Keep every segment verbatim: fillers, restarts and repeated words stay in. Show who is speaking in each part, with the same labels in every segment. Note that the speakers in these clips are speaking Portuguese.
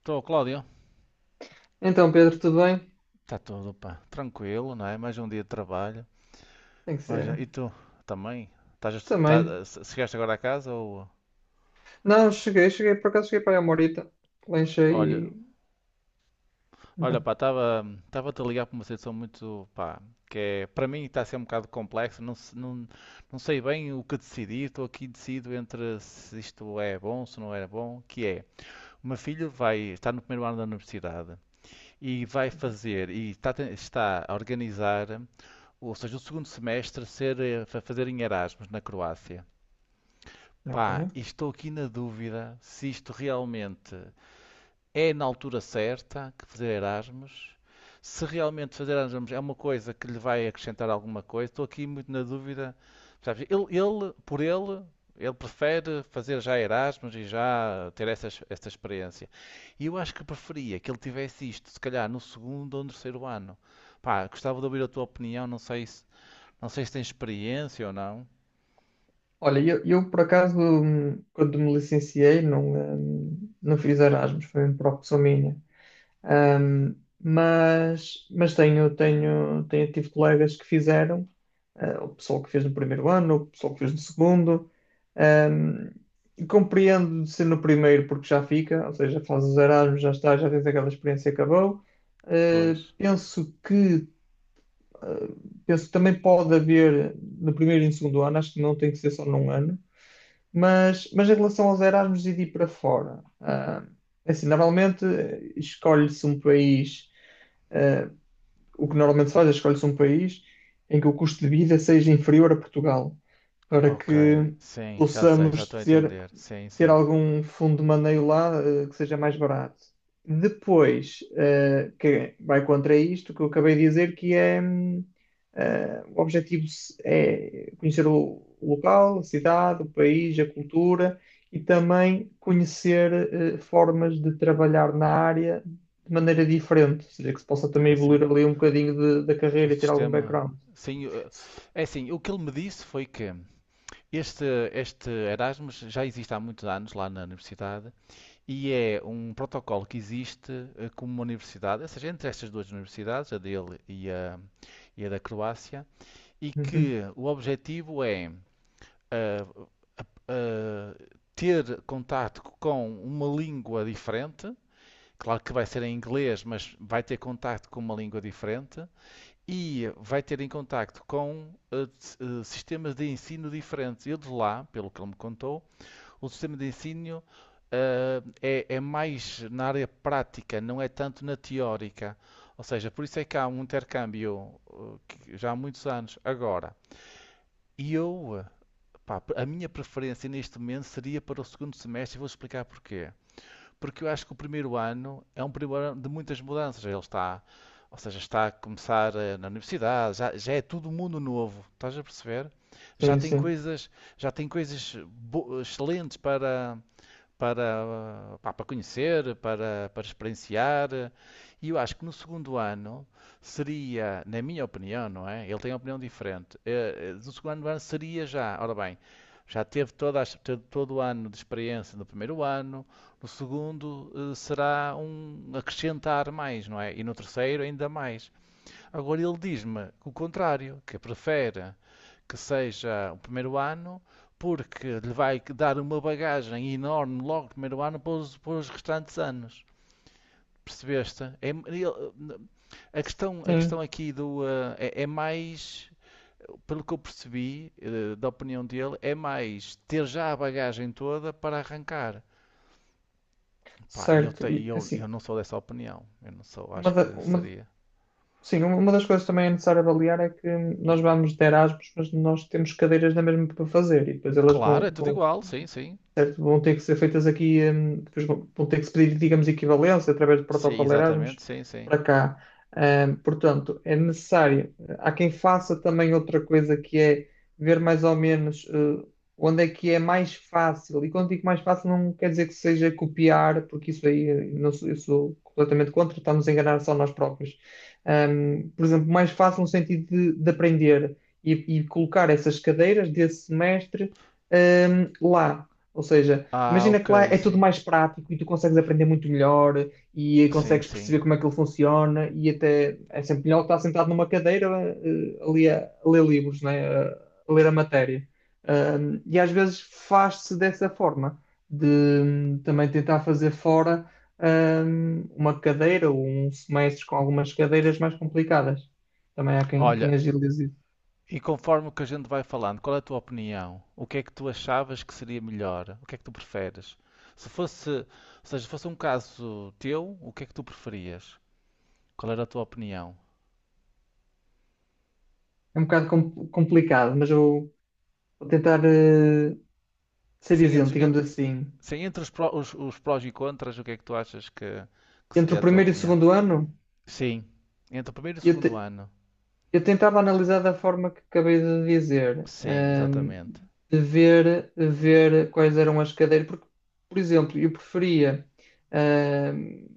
Speaker 1: Estou, Cláudio.
Speaker 2: Então, Pedro, tudo bem?
Speaker 1: Está tudo, pá. Tranquilo, não é? Mais um dia de trabalho.
Speaker 2: Tem que
Speaker 1: Mais um-
Speaker 2: ser.
Speaker 1: E tu também? Estás a estu-
Speaker 2: Também.
Speaker 1: tá- se- Chegaste agora a casa ou.
Speaker 2: Não, cheguei, cheguei, por acaso cheguei para aí a Morita. Lanchei
Speaker 1: Olha,
Speaker 2: e.
Speaker 1: olha,
Speaker 2: Então.
Speaker 1: pá, estava estava-te a ligar para uma situação muito, pá, que é, para mim está a ser um bocado complexo, não, se- não, não sei bem o que decidir, estou aqui decido entre se isto é bom, se não é bom, que é, o meu filho vai, estar no primeiro ano da universidade e vai
Speaker 2: Uhum.
Speaker 1: fazer, e está, a ten- está a organizar ou seja, o segundo semestre ser eh, fa- fazer em Erasmus na Croácia.
Speaker 2: Ok.
Speaker 1: Pá, e estou aqui na dúvida se isto realmente é na altura certa que fazer Erasmus, se realmente fazer Erasmus é uma coisa que lhe vai acrescentar alguma coisa. Estou aqui muito na dúvida, sabes? Ele, ele, por ele, ele prefere fazer já Erasmus e já ter essa, essa experiência. E eu acho que preferia que ele tivesse isto, se calhar no segundo ou no terceiro ano. Pá, gostava de ouvir a tua opinião, não sei se não sei se tem experiência ou não.
Speaker 2: Olha, eu, eu, por acaso, hum, quando me licenciei, não, hum, não fiz Erasmus, foi uma opção minha. Ahm, mas mas tenho, tenho, tenho, tive colegas que fizeram, ah, o pessoal que fez no primeiro ano, o pessoal que fez no segundo. Ahm, e compreendo de ser no primeiro porque já fica, ou seja, fazes os Erasmus, já está, já tens aquela experiência e acabou. Ah,
Speaker 1: Pois.
Speaker 2: penso que, ah, penso que também pode haver no primeiro e no segundo ano, acho que não tem que ser só num ano. Mas, mas em relação aos Erasmus e de ir para fora, ah, é assim, normalmente eh, escolhe-se um país, ah, o que normalmente se faz é escolhe-se um país em que o custo de vida seja inferior a Portugal, para
Speaker 1: Ok.
Speaker 2: que
Speaker 1: Sim, já sei, já
Speaker 2: possamos
Speaker 1: estou a
Speaker 2: ter,
Speaker 1: entender. Sim,
Speaker 2: ter
Speaker 1: sim.
Speaker 2: algum fundo de maneio lá, eh, que seja mais barato. Depois, eh, que vai contra isto que eu acabei de dizer, que é. hum, ah, o objetivo se- é conhecer o o local, a cidade, o país, a cultura e também conhecer eh, formas de trabalhar na área de maneira diferente, ou seja, que se possa
Speaker 1: De-
Speaker 2: também
Speaker 1: assim,
Speaker 2: evoluir ali um bocadinho de- da
Speaker 1: o
Speaker 2: carreira e ter algum
Speaker 1: sistema.
Speaker 2: background.
Speaker 1: Sim, eh, é assim, o que ele me disse foi que este, este Erasmus já existe há muitos anos lá na universidade e é um protocolo que existe eh, como uma universidade, ou seja, entre estas duas universidades, a dele e a, e a da Croácia, e
Speaker 2: Uhum.
Speaker 1: que o objetivo é a- a ter contacto com uma língua diferente. Claro que vai ser em inglês, mas vai ter contacto com uma língua diferente e vai ter em contacto com eh, s- eh, sistemas de ensino diferentes. Eu de lá, pelo que ele me contou, o sistema de ensino eh, é, é mais na área prática, não é tanto na teórica. Ou seja, por isso é que há um intercâmbio eh, que já há muitos anos agora. E eu eh, Pá, a minha preferência neste momento seria para o segundo semestre e vou explicar porquê. Porque eu acho que o primeiro ano é um primeiro ano de muitas mudanças. Ele está, ou seja, está a começar eh, na universidade, já, já é tudo mundo novo, estás a perceber? Já
Speaker 2: Sim,
Speaker 1: tem
Speaker 2: sim,
Speaker 1: coisas, já tem coisas bo- excelentes para, para, pá, para conhecer, para, para experienciar. E eu acho que no segundo ano seria, na minha opinião, não é? Ele tem uma opinião diferente. Eh, eh, No segundo ano seria já, ora bem, já teve toda a teve todo o ano de experiência no primeiro ano, no segundo eh, será um acrescentar mais, não é? E no terceiro ainda mais. Agora ele diz-me o contrário, que prefere que seja o primeiro ano, porque lhe vai dar uma bagagem enorme logo no primeiro ano para os, para os restantes anos. Percebeste? É- ele- a, questão, a questão
Speaker 2: sim,
Speaker 1: aqui do, eh, é, é mais, pelo que eu percebi, eh, da opinião dele, é mais ter já a bagagem toda para arrancar. Pá, e eu,
Speaker 2: certo.
Speaker 1: te-
Speaker 2: E
Speaker 1: eu, eu
Speaker 2: assim,
Speaker 1: não sou dessa opinião. Eu não sou,
Speaker 2: uma,
Speaker 1: acho
Speaker 2: da-
Speaker 1: que
Speaker 2: uma-
Speaker 1: seria.
Speaker 2: sim, uma das coisas também é necessário avaliar é que nós vamos de Erasmus, mas nós temos cadeiras na mesma para fazer e depois elas
Speaker 1: Claro,
Speaker 2: vão,
Speaker 1: é tudo
Speaker 2: vão,
Speaker 1: igual, sim, sim.
Speaker 2: certo? Vão ter que ser feitas aqui, hum, depois vão vão ter que se pedir, digamos, equivalência através do
Speaker 1: Sim,
Speaker 2: protocolo
Speaker 1: exatamente,
Speaker 2: Erasmus
Speaker 1: sim, sim.
Speaker 2: para cá. Hum, portanto, é necessário. Há quem faça também outra coisa que é ver mais ou menos eh, onde é que é mais fácil. E quando digo mais fácil, não quer dizer que seja copiar, porque isso aí eh, não sou- eu sou completamente contra, estamos a enganar só nós próprios. Hum, por exemplo, mais fácil no sentido de, de aprender e, e colocar essas cadeiras desse semestre hum, lá. Ou seja,
Speaker 1: Ah,
Speaker 2: imagina
Speaker 1: ok,
Speaker 2: que lá é tudo
Speaker 1: sim.
Speaker 2: mais prático e tu consegues aprender muito melhor e
Speaker 1: Sim,
Speaker 2: consegues
Speaker 1: sim.
Speaker 2: perceber como é que ele funciona e até é sempre melhor estar sentado numa cadeira eh, ali a, a ler livros, né? A, a ler a matéria. Um, e às vezes faz-se dessa forma, de hum, também tentar fazer fora hum, uma cadeira ou um semestre com algumas cadeiras mais complicadas. Também há quem,
Speaker 1: Olha,
Speaker 2: quem agilize isso.
Speaker 1: e conforme o que a gente vai falando, qual é a tua opinião? O que é que tu achavas que seria melhor? O que é que tu preferes? Se fosse, ou seja, fosse um caso teu, o que é que tu preferias? Qual era a tua opinião?
Speaker 2: É um bocado com- complicado, mas eu vou tentar eh, ser
Speaker 1: Assim,
Speaker 2: isento,
Speaker 1: entre, en-
Speaker 2: digamos assim,
Speaker 1: sim, entre os, pró- os- os prós e contras, o que é que tu achas que, que
Speaker 2: entre o
Speaker 1: seria a tua
Speaker 2: primeiro e o
Speaker 1: opinião?
Speaker 2: segundo ano,
Speaker 1: Sim, entre o primeiro e o
Speaker 2: eu,
Speaker 1: segundo
Speaker 2: te-
Speaker 1: ano.
Speaker 2: eu tentava analisar da forma que acabei de dizer,
Speaker 1: Sim,
Speaker 2: hum,
Speaker 1: exatamente.
Speaker 2: de ver, de ver quais eram as cadeiras, porque, por exemplo, eu preferia. Hum,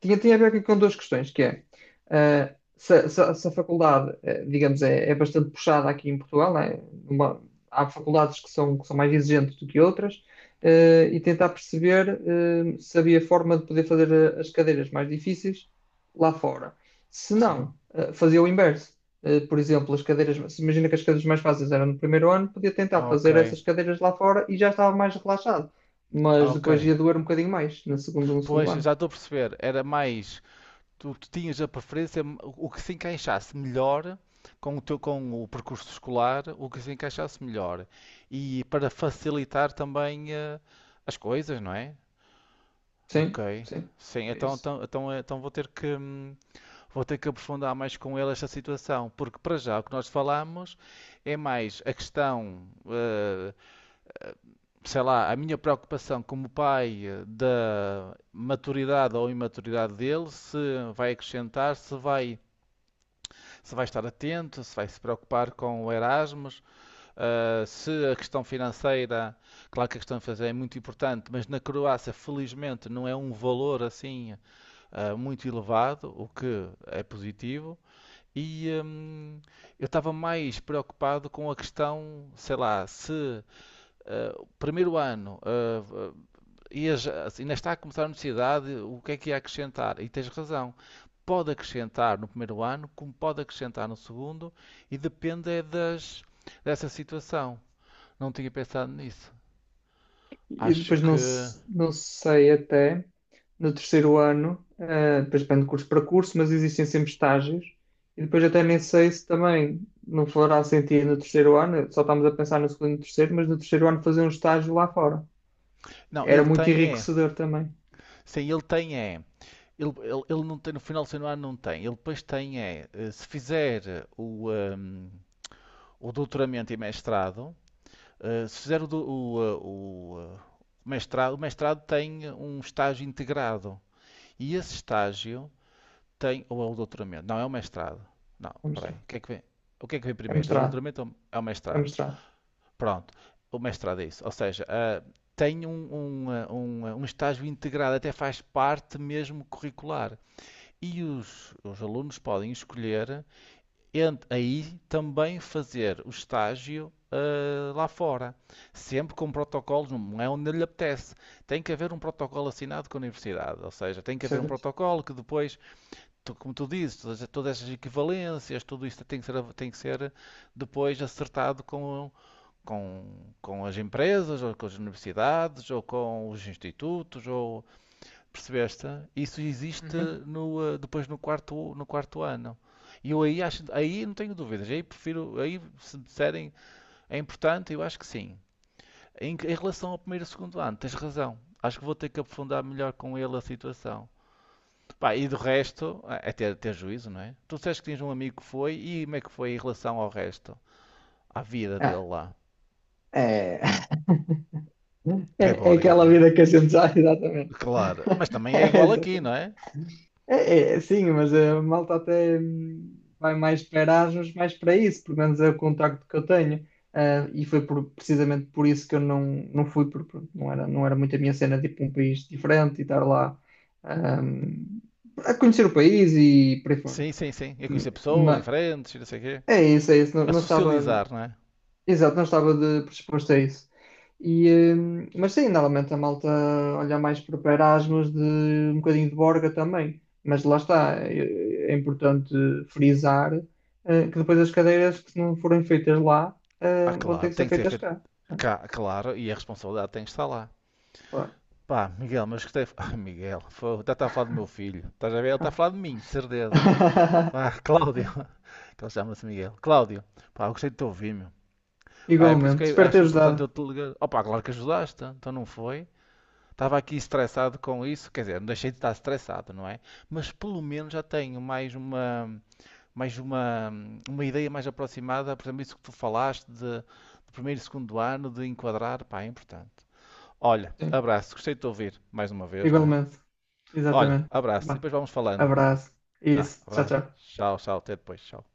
Speaker 2: tinha, tinha a ver aqui com duas questões, que é ah, se, se- se a faculdade, eh, digamos, é, é bastante puxada aqui em Portugal, né? Uma- há faculdades que são, que são mais exigentes do que outras, eh, e tentar perceber eh, se havia forma de poder fazer eh, as cadeiras mais difíceis lá fora. Se
Speaker 1: Sim.
Speaker 2: não, eh, fazia o inverso. Eh, por exemplo, as cadeiras, se imagina que as cadeiras mais fáceis eram no primeiro ano, podia tentar
Speaker 1: Ok,
Speaker 2: fazer essas cadeiras lá fora e já estava mais relaxado. Mas
Speaker 1: ok.
Speaker 2: depois ia doer um bocadinho mais na segunda, no segundo
Speaker 1: Pois,
Speaker 2: ano.
Speaker 1: já estou a perceber. Era mais. tu, tu tinhas a preferência o que se encaixasse melhor com o teu com o percurso escolar, o que se encaixasse melhor e para facilitar também eh, as coisas, não é?
Speaker 2: Sim,
Speaker 1: Ok.
Speaker 2: sim,
Speaker 1: Sim,
Speaker 2: é
Speaker 1: então,
Speaker 2: isso.
Speaker 1: então, então, eh, então vou ter que hum, vou ter que aprofundar mais com ele esta situação, porque para já o que nós falamos é mais a questão, eh, sei lá, a minha preocupação como pai eh, da maturidade ou imaturidade dele, se vai acrescentar, se vai se vai estar atento, se vai se preocupar com o Erasmus, uh, se a questão financeira, claro que a questão financeira é muito importante, mas na Croácia, felizmente, não é um valor assim uh, muito elevado, o que é positivo. E um, eu estava mais preocupado com a questão, sei lá, se uh, o primeiro ano ah, e assim, ainda está a começar a universidade, o que é que ia acrescentar? E tens razão. Pode acrescentar no primeiro ano, como pode acrescentar no segundo, e depende é das, dessa situação. Não tinha pensado nisso.
Speaker 2: E
Speaker 1: Acho
Speaker 2: depois não,
Speaker 1: que.
Speaker 2: se- não sei até no terceiro ano, eh, depois depende de curso para curso, mas existem sempre estágios. E depois até nem sei se também não fará sentido no terceiro ano, só estamos a pensar no segundo e no terceiro, mas no terceiro ano fazer um estágio lá fora.
Speaker 1: Não,
Speaker 2: Era
Speaker 1: ele
Speaker 2: muito
Speaker 1: tem é.
Speaker 2: enriquecedor também.
Speaker 1: Sim, ele tem é. Ele, ele, ele não tem, no final do segundo ano não tem. Ele depois tem é. eh, Se fizer o, ehm, o doutoramento e mestrado, eh, se fizer o, do- o, eh, o, eh, mestrado, o mestrado tem um estágio integrado. E esse estágio tem, ou é o doutoramento? Não, é o mestrado. Não,
Speaker 2: É
Speaker 1: peraí.
Speaker 2: mostrado.
Speaker 1: O que é que vem? O que é que vem
Speaker 2: É
Speaker 1: primeiro? É o
Speaker 2: mostrado.
Speaker 1: doutoramento ou é o
Speaker 2: É
Speaker 1: mestrado?
Speaker 2: mostrado.
Speaker 1: Pronto, o mestrado é isso. Ou seja, ah, tem um, um, ah, um, ah, um estágio integrado, até faz parte mesmo curricular. E os, os alunos podem escolher entre aí também fazer o estágio ah, lá fora. Sempre com protocolos, não é onde lhe apetece. Tem que haver um protocolo assinado com a universidade. Ou seja, tem que haver um
Speaker 2: Certo?
Speaker 1: protocolo que depois tu- como tu dizes, todas, todas essas equivalências, tudo isto tem que ser, tem que ser depois acertado com, com, com as empresas, ou com as universidades, ou com os institutos, ou percebeste? Isso existe
Speaker 2: Uhum.
Speaker 1: no, eh, depois no quarto, no quarto ano. E eu aí acho, aí não tenho dúvidas, aí prefiro, aí se me disserem é importante, eu acho que sim. Em, em relação ao primeiro e segundo ano, tens razão. Acho que vou ter que aprofundar melhor com ele a situação. Pá, e do resto, é ter, ter juízo, não é? Tu disseste que tinhas um amigo que foi, e como é que foi em relação ao resto? À vida dele
Speaker 2: Ah,
Speaker 1: lá.
Speaker 2: é...
Speaker 1: É
Speaker 2: é, é
Speaker 1: Borga, não
Speaker 2: aquela
Speaker 1: é?
Speaker 2: vida que a gente já, exatamente.
Speaker 1: Claro, mas também é
Speaker 2: É,
Speaker 1: igual aqui,
Speaker 2: exatamente.
Speaker 1: não é?
Speaker 2: É, é, sim, mas a malta até hum, vai mais para Erasmus, mais para isso, pelo menos é o contacto que eu tenho. Ah, e foi por- precisamente por isso que eu não, não fui, porque pronto, não era, não era muito a minha cena, tipo um país diferente e estar lá ah, a conhecer o país e por aí fora.
Speaker 1: Sim, sim, sim. É conhecer pessoas
Speaker 2: Ma-
Speaker 1: diferentes, e não sei o quê.
Speaker 2: É isso, é isso. Não,
Speaker 1: A
Speaker 2: não estava,
Speaker 1: socializar, não é?
Speaker 2: exato, não estava de predisposto a isso. E, hum, mas sim, normalmente a malta olha mais para o Erasmus, de um bocadinho de Borga também. Mas lá está, é, é importante frisar, eh, que depois as cadeiras que não forem feitas lá,
Speaker 1: Ah,
Speaker 2: eh, vão
Speaker 1: claro,
Speaker 2: ter que ser
Speaker 1: tem que ser
Speaker 2: feitas
Speaker 1: feito
Speaker 2: cá. Né?
Speaker 1: cá, claro, e a responsabilidade tem que estar lá.
Speaker 2: Claro.
Speaker 1: Pá, Miguel, mas gostei. Ah, Miguel, foi... já está a falar do meu filho. Estás a ver? Ele está a falar de mim, de certeza. Pá, Cláudio, que ele chama-se Miguel. Cláudio, pá, eu gostei de te ouvir, meu. Pá, é por isso que
Speaker 2: Igualmente.
Speaker 1: eu
Speaker 2: Espero ter
Speaker 1: acho importante
Speaker 2: ajudado.
Speaker 1: eu te ligar. Opa, claro que ajudaste, então não foi. Estava aqui estressado com isso, quer dizer, não deixei de estar estressado, não é? Mas pelo menos já tenho mais uma, mais uma, uma ideia mais aproximada, por exemplo, isso que tu falaste de, de primeiro e segundo ano, de enquadrar, pá, é importante. Olha,
Speaker 2: Sim,
Speaker 1: abraço, gostei de te ouvir mais uma vez, não é?
Speaker 2: igualmente.
Speaker 1: Olha,
Speaker 2: Exatamente.
Speaker 1: abraço, e
Speaker 2: Vá.
Speaker 1: depois vamos falando.
Speaker 2: Abraço.
Speaker 1: Tá,
Speaker 2: Isso. Tchau,
Speaker 1: abraço.
Speaker 2: tchau.
Speaker 1: Tchau, tchau, até depois, tchau.